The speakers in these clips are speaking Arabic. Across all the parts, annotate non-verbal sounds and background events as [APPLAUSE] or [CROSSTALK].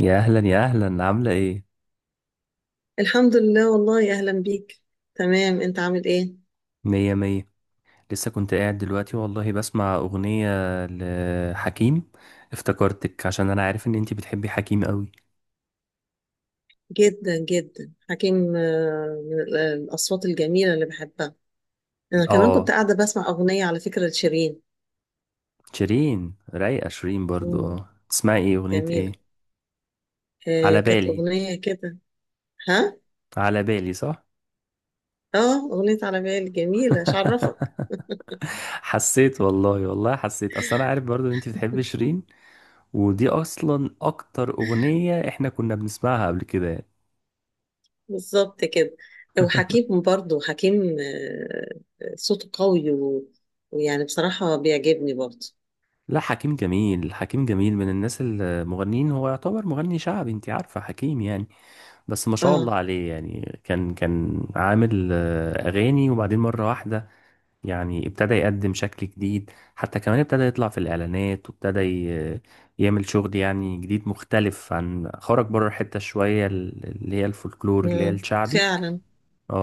يا اهلا يا اهلا، عامله ايه؟ الحمد لله والله أهلا بيك. تمام، أنت عامل إيه؟ مية مية. لسه كنت قاعد دلوقتي والله بسمع اغنيه لحكيم. افتكرتك عشان انا عارف ان انتي بتحبي حكيم قوي. جدا جدا حكيم، من الأصوات الجميلة اللي بحبها. أنا كمان كنت اه، قاعدة بسمع أغنية على فكرة لشيرين. شيرين رايقه، شيرين برضو. مم. اه، تسمعي ايه؟ اغنيه ايه؟ جميلة. على كانت بالي. أغنية كده. ها؟ على بالي صح. آه، أغنية على بالي جميلة، مش عرفك. [LAUGHS] حسيت والله، والله حسيت، اصل انا عارف برضو ان انتي بتحبي شيرين. ودي اصلا اكتر اغنيه احنا كنا بنسمعها قبل كده يعني. بالظبط كده. وحكيم برضه صوته قوي ويعني بصراحة بيعجبني برضه. لا حكيم جميل، حكيم جميل، من الناس المغنيين. هو يعتبر مغني شعبي، انت عارفة حكيم يعني. بس ما شاء آه. الله عليه يعني، كان عامل أغاني، وبعدين مرة واحدة يعني ابتدى يقدم شكل جديد. حتى كمان ابتدى يطلع في الإعلانات، يعمل شغل يعني جديد مختلف، عن خرج بره الحتة شوية اللي هي الفولكلور اللي هي مم. الشعبي. فعلا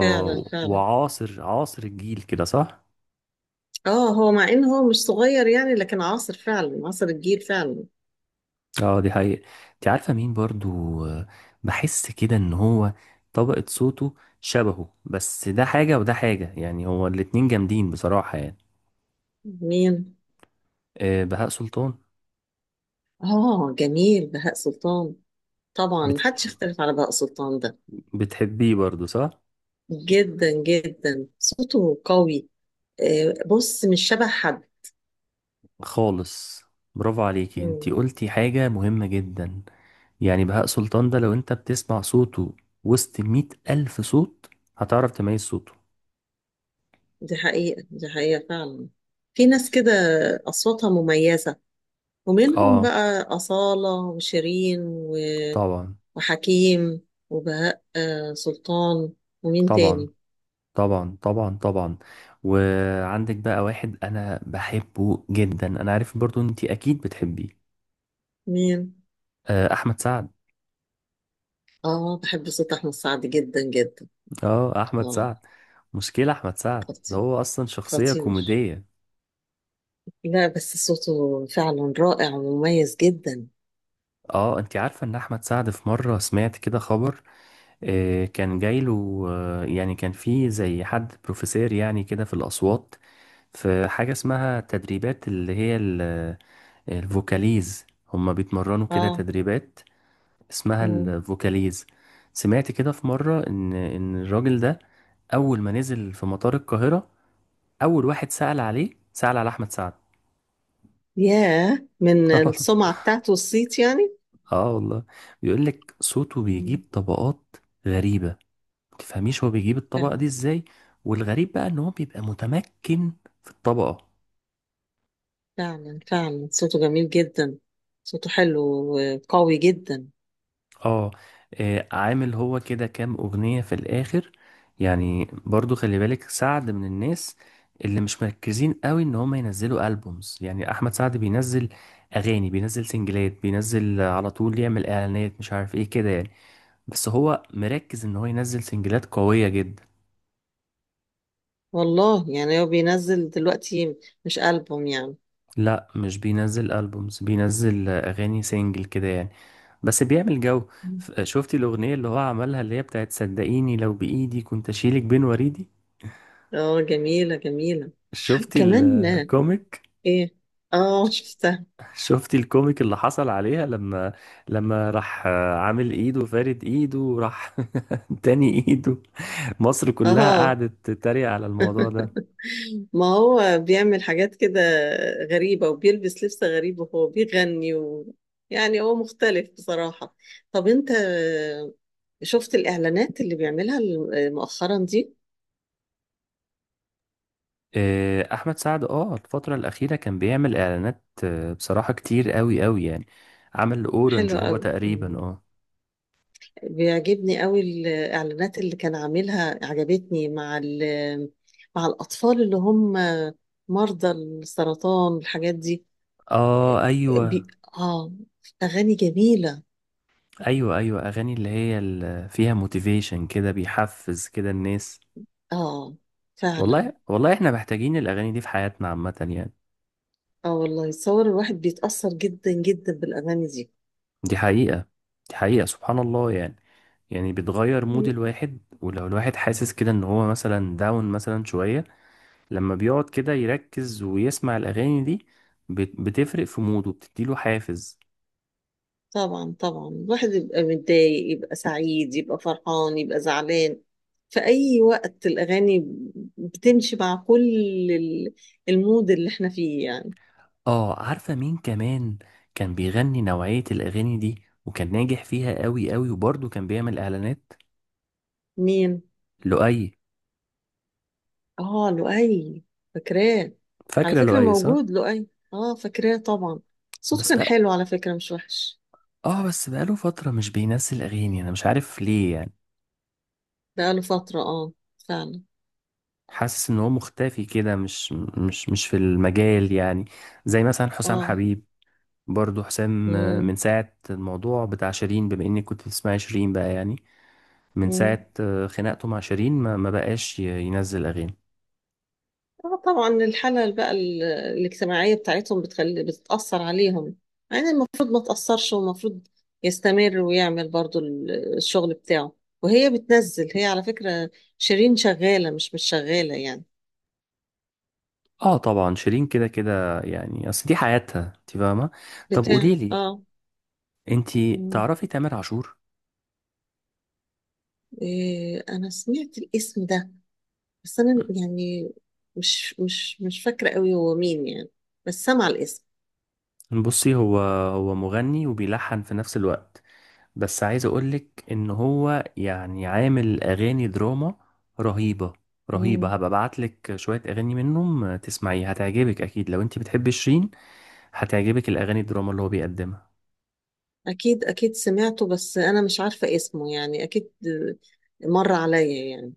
فعلا. فعلا وعاصر الجيل كده صح؟ اه، هو مع ان هو مش صغير يعني، لكن عاصر فعلا، عاصر الجيل فعلا. اه دي حقيقة. انت عارفة مين برضو؟ بحس كده ان هو طبقة صوته شبهه، بس ده حاجة وده حاجة، يعني هو الاتنين جامدين بصراحة يعني. مين؟ بهاء سلطان. اه جميل بهاء سلطان. طبعا بت... محدش يختلف على بهاء سلطان ده. بتحبيه برضو صح؟ جدا جدا، صوته قوي. بص مش شبه حد. خالص. برافو عليكي، انت مم. قلتي حاجة مهمة جدا. يعني بهاء سلطان ده لو انت بتسمع صوته وسط 100,000 ألف صوت هتعرف تميز صوته. دي حقيقة، دي حقيقة فعلا. في ناس كده أصواتها مميزة، ومنهم اه بقى أصالة وشيرين طبعا وحكيم وبهاء سلطان. ومين طبعا تاني؟ طبعا طبعا. وعندك بقى واحد انا بحبه جدا، انا عارف برضو انت اكيد بتحبيه. مين؟ احمد سعد. اه، بحب صوت احمد سعد جدا جدا. اه احمد اه. سعد. مشكلة احمد سعد ده خطير. هو اصلا شخصية خطير. كوميدية. لا، بس صوته فعلا رائع ومميز جدا. اه انت عارفة ان احمد سعد في مرة سمعت كده خبر. كان جايله، يعني كان في زي حد بروفيسور يعني كده في الاصوات، في حاجة اسمها تدريبات اللي هي الفوكاليز. هما بيتمرنوا كده اه. تدريبات اسمها مم. الفوكاليز. سمعت كده في مرة إن الراجل ده أول ما نزل في مطار القاهرة، أول واحد سأل عليه سأل على أحمد سعد. ياه، من السمعة [LAUGHS] بتاعته والصيت يعني. آه والله. بيقول لك صوته مم. بيجيب طبقات غريبة، ما تفهميش هو بيجيب الطبقة فعلا. دي إزاي. والغريب بقى إن هو بيبقى متمكن في الطبقة. فعلا فعلا، صوته جميل جدا. صوته حلو وقوي جدا. اه، عامل هو كده كام اغنية في الاخر. يعني برضو خلي بالك سعد من الناس اللي مش مركزين قوي ان هم ينزلوا البومز. يعني احمد سعد بينزل اغاني، بينزل سنجلات، بينزل على طول، يعمل اعلانات، مش عارف ايه كده يعني. بس هو مركز ان هو ينزل سنجلات قوية جدا. والله يعني هو بينزل دلوقتي مش ألبوم يعني. لا مش بينزل البومز، بينزل اغاني سنجل كده يعني، بس بيعمل جو. مم. شفتي الاغنية اللي هو عملها اللي هي بتاعت صدقيني لو بايدي كنت اشيلك بين وريدي؟ اه جميلة جميلة. شفتي كمان آه، الكوميك؟ ايه. اه شفتها. شفتي الكوميك اللي حصل عليها لما راح عامل ايده، فارد ايده، وراح [LAUGHS] تاني ايده؟ مصر كلها اه، قعدت تتريق على الموضوع ده. ما هو بيعمل حاجات كده غريبة، وبيلبس لبس غريب وهو بيغني و... يعني هو مختلف بصراحة. طب انت شفت الإعلانات اللي بيعملها مؤخرا دي؟ احمد سعد اه الفترة الأخيرة كان بيعمل اعلانات بصراحة كتير قوي قوي يعني. عمل اورنج حلوة هو قوي. تقريبا. مم. اه بيعجبني قوي الإعلانات اللي كان عاملها، عجبتني مع ال... مع الأطفال اللي هم مرضى السرطان والحاجات دي. اه. ايوه بي... اه، أغاني جميلة. ايوه، ايوه اغاني اللي هي اللي فيها موتيفيشن كده، بيحفز كده الناس. اه فعلا. والله والله احنا محتاجين الاغاني دي في حياتنا عامة يعني. اه والله، صور الواحد بيتأثر جدا جدا بالأغاني دي. دي حقيقة، دي حقيقة، سبحان الله يعني. يعني بتغير مود الواحد، ولو الواحد حاسس كده ان هو مثلا داون مثلا شوية لما بيقعد كده يركز ويسمع الأغاني دي، بتفرق في موده، بتديله حافز. طبعا طبعا، الواحد يبقى متضايق، يبقى سعيد، يبقى فرحان، يبقى زعلان، في أي وقت الأغاني بتمشي مع كل ال- المود اللي احنا فيه يعني. اه عارفة مين كمان كان بيغني نوعية الأغاني دي وكان ناجح فيها قوي قوي، وبرضه كان بيعمل إعلانات؟ مين؟ لؤي. اه لؤي. فاكراه، على فاكرة فكرة لؤي صح؟ موجود لؤي. اه فاكراه طبعا. صوته بس كان بقى، حلو على فكرة، مش وحش. اه بس بقاله فترة مش بينزل أغاني، أنا مش عارف ليه يعني. بقاله فترة اه. فعلا. حاسس ان هو مختفي كده، مش في المجال يعني. زي مثلا حسام اه. حبيب، برضو حسام، من مم. ساعة الموضوع بتاع شيرين، بما اني كنت بتسمعي شيرين بقى يعني. من مم. ساعة خناقته مع شيرين ما بقاش ينزل اغاني. اه طبعا، الحالة بقى الاجتماعية بتاعتهم بتخلي، بتتأثر عليهم. يعني المفروض ما تأثرش، والمفروض يستمر ويعمل برضو الشغل بتاعه. وهي بتنزل، هي على فكرة شيرين شغالة، مش مش شغالة يعني. اه طبعا شيرين كده كده يعني، اصل دي حياتها انت فاهمة. طب بتاع قوليلي اه. انت، مم. تعرفي تامر عاشور؟ إيه، انا سمعت الاسم ده، بس انا يعني مش فاكرة قوي هو مين يعني، بس سامعة الاسم. بصي هو، هو مغني وبيلحن في نفس الوقت. بس عايز اقولك ان هو يعني عامل اغاني دراما رهيبة. مم. رهيبة. هبقى ابعتلك شوية اغاني منهم تسمعيها، هتعجبك اكيد لو انت بتحبي شيرين. هتعجبك الاغاني الدراما اللي هو بيقدمها. اكيد اكيد سمعته، بس انا مش عارفة اسمه يعني، اكيد آه، مر عليا يعني.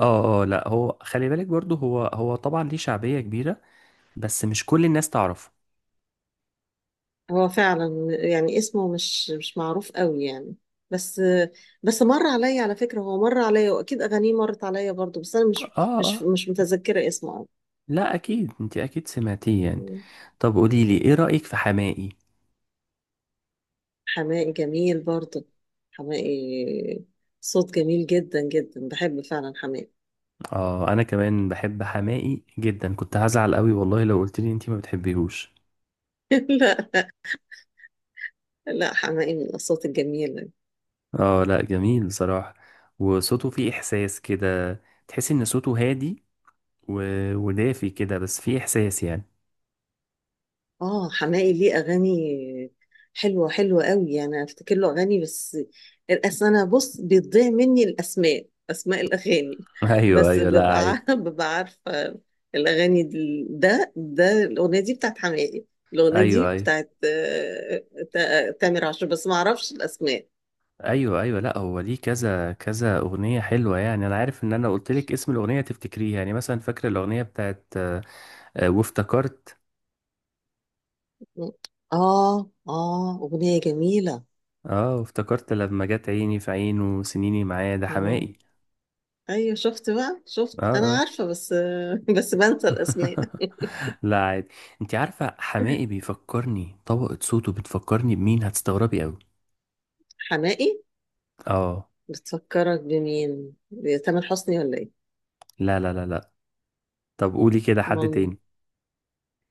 اه اه، لا هو خلي بالك برضو هو، هو طبعا ليه شعبية كبيرة بس مش كل الناس تعرفه. هو فعلا يعني اسمه مش مش معروف قوي يعني، بس بس مر عليا على فكرة، هو مر عليا واكيد اغانيه مرت عليا برضو، بس انا مش اه مش اه، مش متذكرة اسمه قوي. لا اكيد انت اكيد سمعتيه يعني. مم. طب قوليلي ايه رأيك في حماقي؟ حماقي جميل برضو. حماقي صوت جميل جدا جدا، بحب فعلا حماقي. اه انا كمان بحب حماقي جدا، كنت هزعل قوي والله لو قلتلي انت ما بتحبيهوش. [LAUGHS] لا، لا، حماقي من الاصوات الجميلة. اه لا جميل بصراحة، وصوته فيه احساس كده، تحس ان صوته هادي و... ودافي كده، بس فيه احساس يعني. اه حماقي ليه اغاني حلوه، حلوه قوي، انا افتكر له اغاني، بس اصل انا بص بيضيع مني الاسماء، اسماء الاغاني [LAUGHS] [LAUGHS] ايوه بس ايوه، لا ببقى عادي. عارفه [LAUGHS] ببقى عارفه. ده ده الاغنيه دي بتاعت حماقي. الاغنيه دي ايوه ايوه. بتاعت آه، تامر عاشور، بس ما اعرفش الاسماء. ايوه لا هو ليه كذا كذا اغنيه حلوه يعني. انا عارف ان انا قلت لك اسم الاغنيه تفتكريه، يعني مثلا فاكره الاغنيه بتاعت وافتكرت؟ اه اه، اغنيه جميله. اه وافتكرت، لما جت عيني في عينه، وسنيني معاه، ده اه حماقي. ايوه، شفت بقى، شفت، اه انا اه. عارفه بس [LAUGHS] بس بنسى الاسماء. [LAUGHS] لا عادي. انت عارفه حماقي بيفكرني، طبقه صوته بتفكرني بمين؟ هتستغربي قوي. حماقي؟ اه. بتفكرك بمين، تامر حسني ولا ايه؟ لا لا لا لا. طب قولي كده حد امال مين؟ تاني.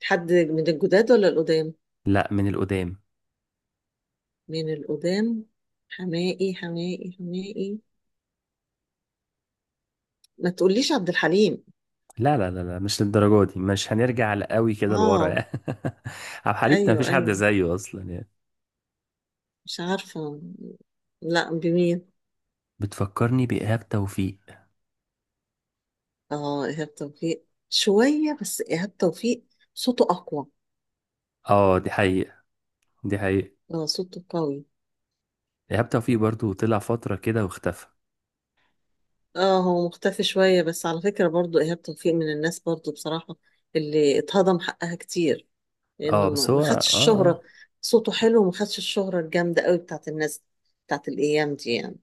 حد من الجداد ولا القدام؟ لا من القدام. من القدام. حماقي حماقي حماقي. ما تقوليش عبد الحليم. لا لا لا لا، مش للدرجة دي، مش هنرجع لقوي كده لورا اه يعني. [LAUGHS] عبد الحليم ده ايوه مفيش حد ايوه. زيه اصلا يعني. مش عارفه، لا بمين؟ بتفكرني بإيهاب توفيق. اه ايهاب توفيق شويه، بس ايهاب توفيق صوته اقوى. اه دي حقيقة، دي حقيقة. اه صوته قوي. إيهاب توفيق برضو طلع فترة كده واختفى. اه هو مختفي شويه، بس على فكره برضو ايهاب توفيق من الناس برضو بصراحه اللي اتهضم حقها كتير، لانه اه ما بس ما هو اه خدش الشهرة. اه. صوته حلو وما خدش الشهرة الجامدة قوي بتاعت الناس، بتاعت الايام دي يعني.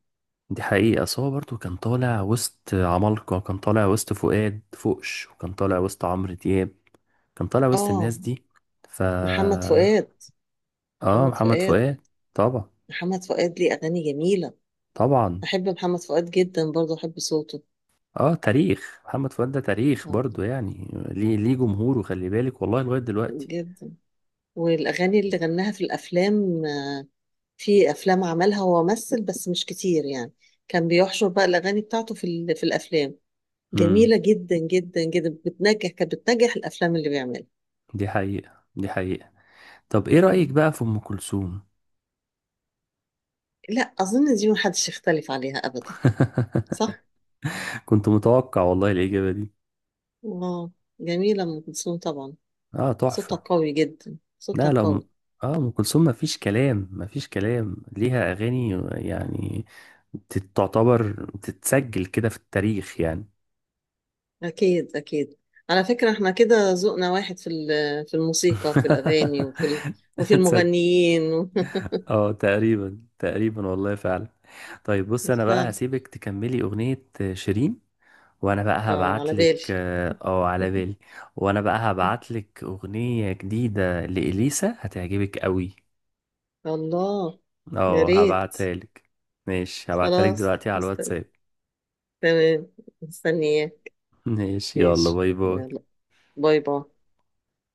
دي حقيقة، بس هو برضو كان طالع وسط عمالقة، كان طالع وسط فؤاد فوقش، وكان طالع وسط عمرو دياب، كان طالع وسط اه الناس دي. ف محمد فؤاد. اه، محمد محمد فؤاد. فؤاد. طبعا. محمد فؤاد ليه اغاني جميلة. طبعا. بحب محمد فؤاد جدا، برضه بحب صوته. اه تاريخ محمد فؤاد ده تاريخ اه برضو يعني، ليه جمهوره خلي بالك والله لغاية دلوقتي. جدا. والاغاني اللي غناها في الافلام آه، في افلام عملها، هو ممثل بس مش كتير يعني، كان بيحشر بقى الاغاني بتاعته في في الافلام. امم، جميلة جدا جدا جدا، بتنجح، كانت بتنجح الافلام اللي بيعملها. دي حقيقة، دي حقيقة. طب ايه رأيك بقى في ام كلثوم؟ لا أظن دي محدش يختلف عليها أبدا. [LAUGHS] صح؟ كنت متوقع والله الإجابة دي. واو، جميلة أم كلثوم طبعا. اه صوتها تحفة. قوي جدا، صوتها لا لا قوي. اه ام كلثوم مفيش كلام، مفيش كلام، ليها اغاني يعني تعتبر تتسجل كده في التاريخ يعني. أكيد أكيد. على فكرة احنا كده ذوقنا واحد في في الموسيقى، في الأغاني، وفي [LAUGHS] وفي تصدق، المغنيين. اه تقريبا تقريبا والله فعلا. طيب بص [LAUGHS] انا بقى فعلا. هسيبك تكملي اغنية شيرين، وانا بقى اه على بالي. هبعتلك اه على بالي. وانا بقى [LAUGHS] هبعتلك اغنية جديدة لإليسا، هتعجبك قوي. الله. يا اه ريت. هبعتها لك. ماشي هبعتها لك خلاص دلوقتي على مستني. الواتساب. تمام. مستنياك. [LAUGHS] ماشي، يلا ماشي. باي باي. يلا. باي باي.